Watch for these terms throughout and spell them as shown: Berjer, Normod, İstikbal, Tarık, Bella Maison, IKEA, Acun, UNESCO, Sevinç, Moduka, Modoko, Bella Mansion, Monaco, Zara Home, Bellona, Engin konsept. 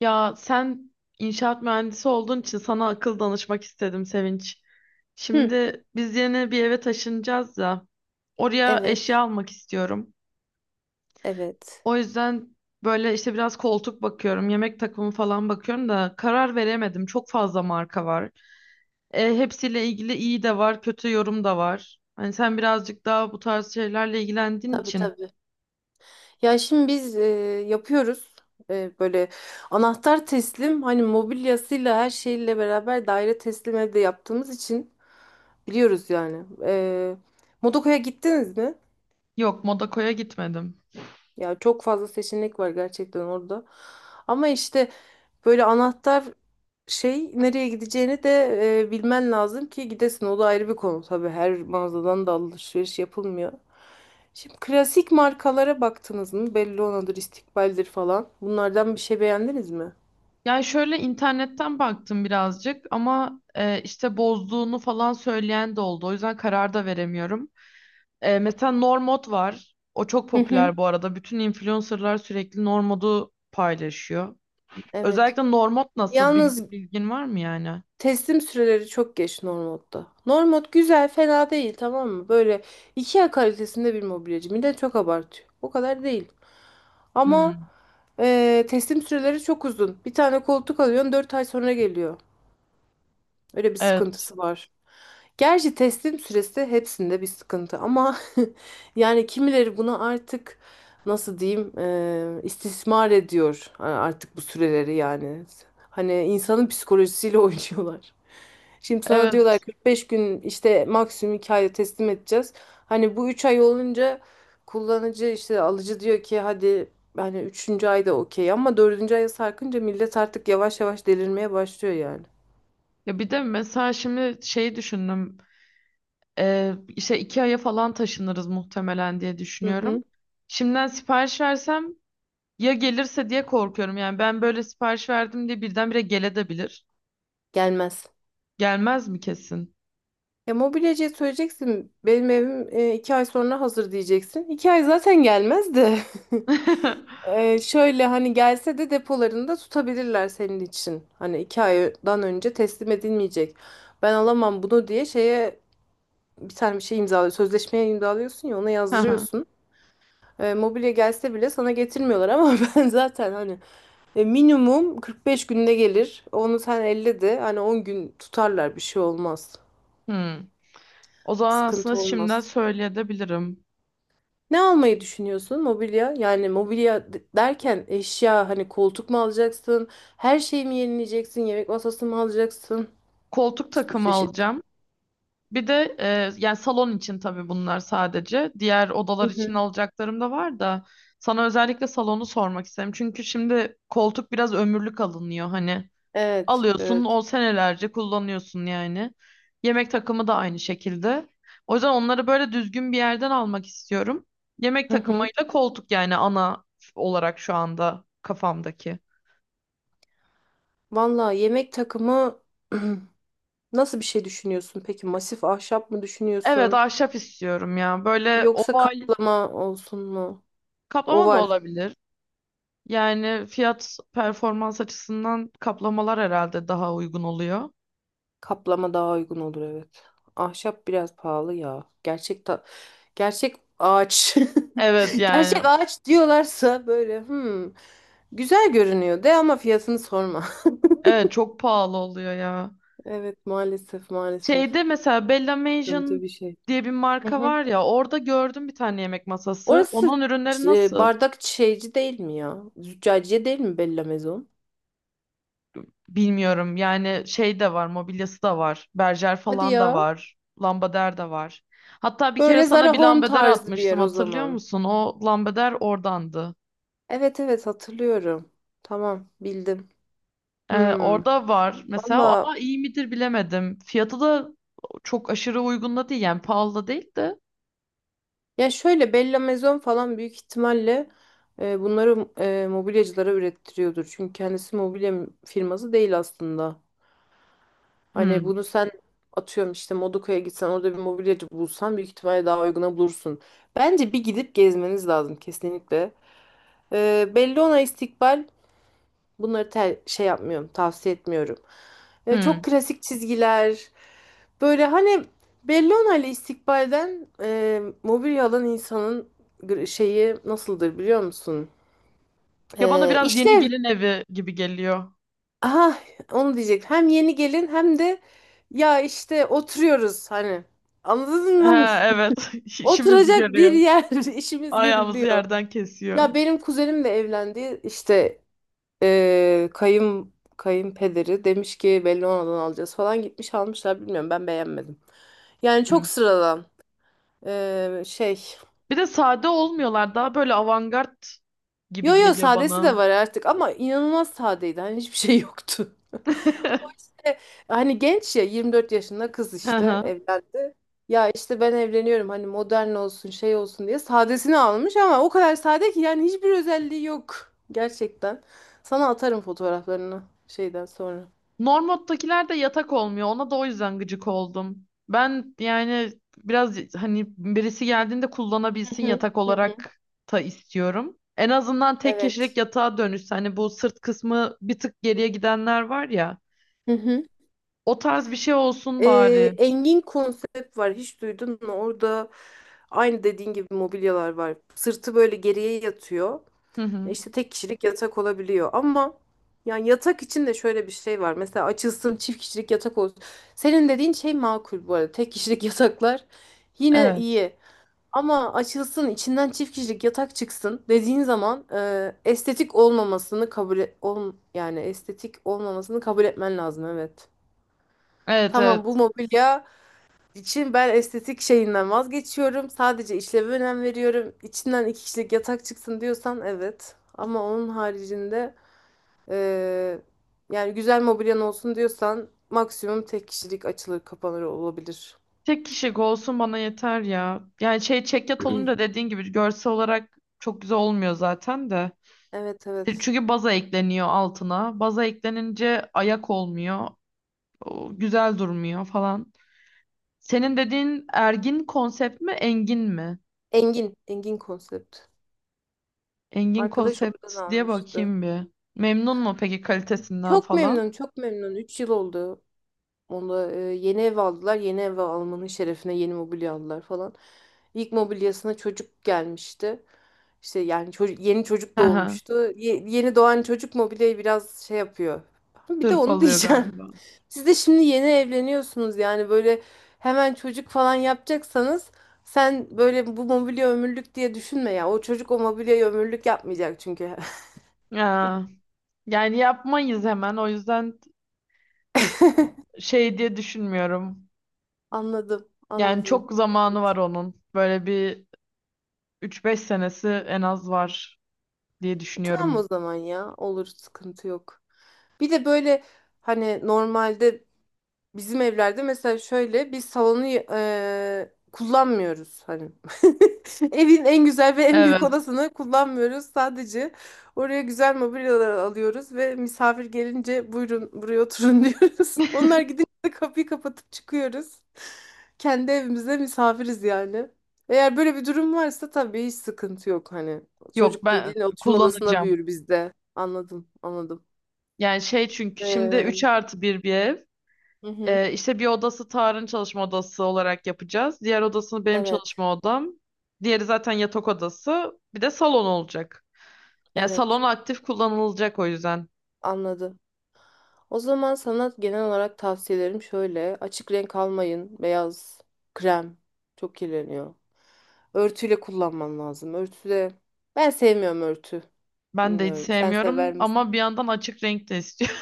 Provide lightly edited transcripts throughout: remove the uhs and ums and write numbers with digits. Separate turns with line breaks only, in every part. Ya sen inşaat mühendisi olduğun için sana akıl danışmak istedim Sevinç.
Hı,
Şimdi biz yeni bir eve taşınacağız ya. Oraya eşya
evet,
almak istiyorum.
evet.
O yüzden böyle işte biraz koltuk bakıyorum, yemek takımı falan bakıyorum da karar veremedim. Çok fazla marka var. Hepsiyle ilgili iyi de var, kötü yorum da var. Hani sen birazcık daha bu tarz şeylerle ilgilendiğin
Tabii
için.
tabii. Ya şimdi biz yapıyoruz. Böyle anahtar teslim, hani mobilyasıyla her şeyle beraber daire teslim evde yaptığımız için biliyoruz yani. Modoko'ya gittiniz mi?
Yok, Monaco'ya gitmedim.
Ya çok fazla seçenek var gerçekten orada. Ama işte böyle anahtar şey nereye gideceğini de bilmen lazım ki gidesin. O da ayrı bir konu tabii. Her mağazadan da alışveriş yapılmıyor. Şimdi klasik markalara baktınız mı? Bellona'dır, İstikbal'dir falan. Bunlardan bir şey beğendiniz mi?
Yani şöyle internetten baktım birazcık ama işte bozduğunu falan söyleyen de oldu. O yüzden karar da veremiyorum. Mesela Normod var. O çok
Hı hı.
popüler bu arada. Bütün influencerlar sürekli Normod'u paylaşıyor.
Evet.
Özellikle Normod nasıl? Bil-
Yalnız
bilgin var mı yani?
teslim süreleri çok geç Normod'da. Normod güzel, fena değil tamam mı? Böyle IKEA kalitesinde bir mobilyacı. Millet çok abartıyor. O kadar değil. Ama
Hmm.
teslim süreleri çok uzun. Bir tane koltuk alıyorsun 4 ay sonra geliyor. Öyle bir
Evet.
sıkıntısı var. Gerçi teslim süresi hepsinde bir sıkıntı ama yani kimileri bunu artık nasıl diyeyim istismar ediyor artık bu süreleri yani. Hani insanın psikolojisiyle oynuyorlar. Şimdi sana diyorlar
Evet.
45 gün, işte maksimum 2 ayda teslim edeceğiz. Hani bu 3 ay olunca kullanıcı işte alıcı diyor ki hadi, hani üçüncü ayda okey, ama dördüncü aya sarkınca millet artık yavaş yavaş delirmeye başlıyor yani.
Ya bir de mesela şimdi şey düşündüm. İşte 2 aya falan taşınırız muhtemelen diye
Hı
düşünüyorum.
hı.
Şimdiden sipariş versem ya gelirse diye korkuyorum. Yani ben böyle sipariş verdim diye birdenbire gelebilir.
Gelmez.
Gelmez mi kesin?
Ya mobilyacıya söyleyeceksin, benim evim 2 ay sonra hazır diyeceksin. 2 ay zaten gelmez de. Şöyle hani gelse de depolarında tutabilirler senin için. Hani 2 aydan önce teslim edilmeyecek, ben alamam bunu diye şeye, bir tane bir şey imzalıyor. Sözleşmeye imzalıyorsun, ya ona
Hı hı.
yazdırıyorsun. Mobilya gelse bile sana getirmiyorlar ama ben zaten hani minimum 45 günde gelir. Onu sen 50 de, hani 10 gün tutarlar, bir şey olmaz.
Hmm. O zaman aslında
Sıkıntı
şimdiden
olmaz.
söyleyebilirim.
Ne almayı düşünüyorsun? Mobilya. Yani mobilya derken eşya, hani koltuk mu alacaksın? Her şeyi mi yenileyeceksin? Yemek masası mı alacaksın?
Koltuk
Bir sürü
takımı
çeşit.
alacağım. Bir de yani salon için tabii bunlar sadece. Diğer
Hı
odalar için
hı.
alacaklarım da var da sana özellikle salonu sormak istedim. Çünkü şimdi koltuk biraz ömürlük alınıyor hani.
Evet,
Alıyorsun
evet.
o senelerce kullanıyorsun yani. Yemek takımı da aynı şekilde. O yüzden onları böyle düzgün bir yerden almak istiyorum. Yemek
Hı hı.
takımıyla koltuk yani ana olarak şu anda kafamdaki.
Valla yemek takımı nasıl bir şey düşünüyorsun? Peki masif ahşap mı
Evet
düşünüyorsun?
ahşap istiyorum ya. Böyle
Yoksa
oval
kaplama olsun mu?
kaplama da
Oval.
olabilir. Yani fiyat performans açısından kaplamalar herhalde daha uygun oluyor.
Kaplama daha uygun olur, evet. Ahşap biraz pahalı ya. Gerçek ağaç.
Evet
Gerçek
yani
ağaç diyorlarsa böyle güzel görünüyor de ama fiyatını sorma.
evet, çok pahalı oluyor ya.
Evet, maalesef maalesef.
Şeyde mesela Bella
Sıkıntı bir
Mansion
şey.
diye bir
Hı
marka
hı.
var ya, orada gördüm bir tane yemek masası.
Orası
Onun ürünleri nasıl?
bardak şeyci değil mi ya? Züccaciye değil mi Bella Maison?
Bilmiyorum yani, şey de var, mobilyası da var. Berjer
Hadi
falan da
ya.
var. Lambader de var. Hatta bir kere
Böyle
sana
Zara
bir
Home
lambader
tarzı bir
atmıştım,
yer o
hatırlıyor
zaman.
musun? O lambader oradandı.
Evet evet, hatırlıyorum. Tamam, bildim. Hmm.
Orada var mesela
Valla,
ama iyi midir bilemedim. Fiyatı da çok aşırı uygun da değil yani, pahalı da değil de.
ya şöyle Bella Maison falan büyük ihtimalle bunları mobilyacılara ürettiriyordur. Çünkü kendisi mobilya firması değil aslında. Hani
Hmm,
bunu sen atıyorum işte Moduka'ya gitsen orada bir mobilyacı bulsan büyük ihtimalle daha uyguna bulursun. Bence bir gidip gezmeniz lazım kesinlikle. Bellona, İstikbal, bunları şey yapmıyorum, tavsiye etmiyorum.
hmm.
Çok klasik çizgiler. Böyle hani Bellona ile İstikbal'den mobilya alan insanın şeyi nasıldır biliyor musun?
Ya bana biraz yeni
İşlev.
gelin evi gibi geliyor.
Aha, onu diyecek. Hem yeni gelin hem de ya işte oturuyoruz hani. Anladın mı?
Ha, evet işimizi
Oturacak bir
görüyor.
yer, işimiz
Ayağımızı
görülüyor.
yerden kesiyor.
Ya benim kuzenim de evlendi. İşte kayın kayınpederi demiş ki belli Bellona'dan alacağız falan, gitmiş almışlar, bilmiyorum, ben beğenmedim. Yani
Hmm.
çok sıradan şey.
Bir de sade olmuyorlar, daha böyle avantgard
Yo
gibi
yo,
geliyor
sadesi
bana.
de var artık ama inanılmaz sadeydi hani hiçbir şey yoktu. E, Hani genç ya, 24 yaşında kız
Hı
işte
hı.
evlendi. Ya işte ben evleniyorum hani modern olsun şey olsun diye sadesini almış ama o kadar sade ki yani hiçbir özelliği yok gerçekten. Sana atarım fotoğraflarını şeyden sonra.
Normod'dakiler de yatak olmuyor. Ona da o yüzden gıcık oldum. Ben yani biraz hani birisi geldiğinde
Hı
kullanabilsin
hı.
yatak
Hı hı.
olarak da istiyorum. En azından tek kişilik
Evet.
yatağa dönüşse hani, bu sırt kısmı bir tık geriye gidenler var ya.
Hı hı.
O tarz bir şey olsun bari.
Engin konsept var. Hiç duydun mu? Orada aynı dediğin gibi mobilyalar var. Sırtı böyle geriye yatıyor.
Hı
E
hı.
İşte tek kişilik yatak olabiliyor. Ama yani yatak için de şöyle bir şey var. Mesela açılsın çift kişilik yatak olsun. Senin dediğin şey makul bu arada. Tek kişilik yataklar yine
Evet.
iyi. Ama açılsın içinden çift kişilik yatak çıksın dediğin zaman estetik olmamasını yani estetik olmamasını kabul etmen lazım, evet.
Evet,
Tamam, bu
evet.
mobilya için ben estetik şeyinden vazgeçiyorum. Sadece işleve önem veriyorum. İçinden iki kişilik yatak çıksın diyorsan evet. Ama onun haricinde eee, yani güzel mobilyan olsun diyorsan maksimum tek kişilik açılır kapanır olabilir.
Tek kişilik olsun bana yeter ya. Yani şey, çekyat olunca dediğin gibi görsel olarak çok güzel olmuyor zaten de.
Evet, evet.
Çünkü baza ekleniyor altına. Baza eklenince ayak olmuyor. O güzel durmuyor falan. Senin dediğin ergin konsept mi, engin mi?
Engin. Engin konsept.
Engin
Arkadaş
konsept
oradan
diye
almıştı.
bakayım bir. Memnun mu peki kalitesinden
Çok
falan?
memnun, çok memnun. 3 yıl oldu. Onda yeni ev aldılar. Yeni ev almanın şerefine yeni mobilya aldılar falan. İlk mobilyasına çocuk gelmişti. İşte yani çocuk, yeni çocuk
Hı hı.
doğmuştu. Yeni doğan çocuk mobilyayı biraz şey yapıyor. Bir de onu
Hırpalıyor
diyeceğim.
galiba.
Siz de şimdi yeni evleniyorsunuz, yani böyle hemen çocuk falan yapacaksanız sen böyle bu mobilya ömürlük diye düşünme ya. O çocuk o mobilyayı ömürlük yapmayacak çünkü.
Ya, yani yapmayız hemen. O yüzden şey diye düşünmüyorum.
Anladım,
Yani
anladım.
çok zamanı var
Evet.
onun. Böyle bir üç beş senesi en az var diye
Tamam o
düşünüyorum.
zaman ya. Olur, sıkıntı yok. Bir de böyle hani normalde bizim evlerde mesela şöyle biz salonu kullanmıyoruz hani. Evin en güzel ve en büyük
Evet.
odasını kullanmıyoruz. Sadece oraya güzel mobilyalar alıyoruz ve misafir gelince buyurun buraya oturun diyoruz. Onlar gidince de kapıyı kapatıp çıkıyoruz. Kendi evimizde misafiriz yani. Eğer böyle bir durum varsa tabii hiç sıkıntı yok hani.
Yok,
Çocuk
ben
dediğin oturma odasına
kullanacağım.
büyür bizde. Anladım, anladım.
Yani şey, çünkü şimdi 3
Ee,
artı bir bir ev.
Hı hı.
İşte bir odası Tarık'ın çalışma odası olarak yapacağız. Diğer odasını benim
Evet,
çalışma odam. Diğeri zaten yatak odası. Bir de salon olacak. Yani salon
evet.
aktif kullanılacak o yüzden.
Anladım. O zaman sana genel olarak tavsiyelerim şöyle. Açık renk almayın. Beyaz, krem çok kirleniyor. Örtüyle kullanman lazım. Örtüde ben sevmiyorum örtü.
Ben de hiç
Bilmiyorum. Sen sever.
sevmiyorum ama bir yandan açık renk de istiyorum.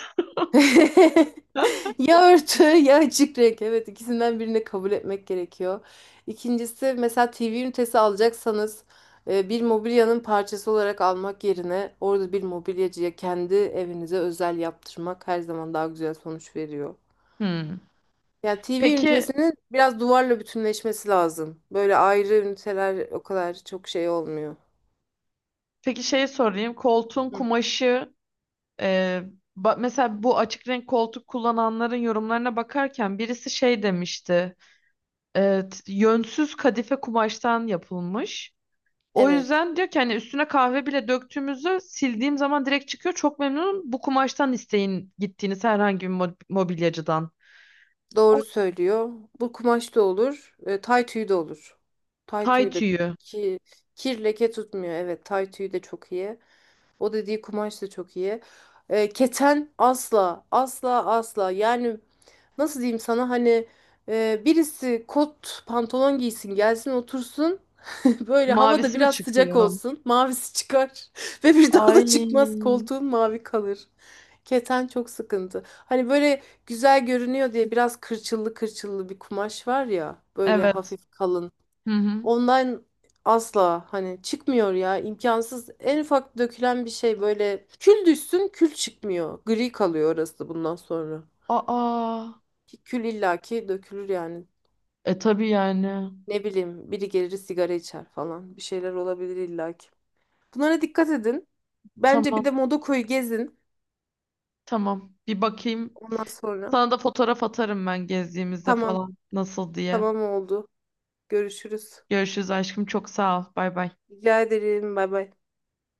Ya örtü ya açık renk. Evet, ikisinden birini kabul etmek gerekiyor. İkincisi, mesela TV ünitesi alacaksanız bir mobilyanın parçası olarak almak yerine orada bir mobilyacıya kendi evinize özel yaptırmak her zaman daha güzel sonuç veriyor.
Hmm.
Yani TV
Peki,
ünitesinin biraz duvarla bütünleşmesi lazım. Böyle ayrı üniteler o kadar çok şey olmuyor.
peki şeyi sorayım. Koltuğun
Hı.
kumaşı, e, mesela bu açık renk koltuk kullananların yorumlarına bakarken birisi şey demişti. E, Yönsüz kadife kumaştan yapılmış. O
Evet.
yüzden diyor ki hani üstüne kahve bile döktüğümüzde sildiğim zaman direkt çıkıyor. Çok memnunum. Bu kumaştan isteyin gittiğiniz herhangi bir mobilyacıdan. O
Doğru söylüyor. Bu kumaş da olur. Tay tüyü de olur. Tay
tay
tüyü de
tüyü.
ki kir leke tutmuyor. Evet, tay tüyü de çok iyi. O dediği kumaş da çok iyi. Keten asla asla asla. Yani nasıl diyeyim sana, hani birisi kot pantolon giysin gelsin otursun. Böyle havada
Mavisi mi
biraz sıcak
çıkıyor?
olsun. Mavisi çıkar. Ve bir daha
Ay.
da çıkmaz. Koltuğun mavi kalır. Keten çok sıkıntı. Hani böyle güzel görünüyor diye biraz kırçıllı kırçıllı bir kumaş var ya. Böyle
Evet.
hafif kalın.
Hı hı.
Ondan asla hani çıkmıyor ya. İmkansız. En ufak dökülen bir şey, böyle kül düşsün, kül çıkmıyor. Gri kalıyor orası bundan sonra.
Aa.
Ki kül illaki dökülür yani.
E tabii yani.
Ne bileyim biri gelir sigara içer falan. Bir şeyler olabilir illaki. Bunlara dikkat edin. Bence bir de
Tamam.
Modoko'yu gezin.
Tamam. Bir bakayım.
Ondan sonra.
Sana da fotoğraf atarım ben gezdiğimizde
Tamam.
falan. Nasıl diye.
Tamam oldu. Görüşürüz.
Görüşürüz aşkım. Çok sağ ol. Bay bay.
Rica ederim. Bay bay.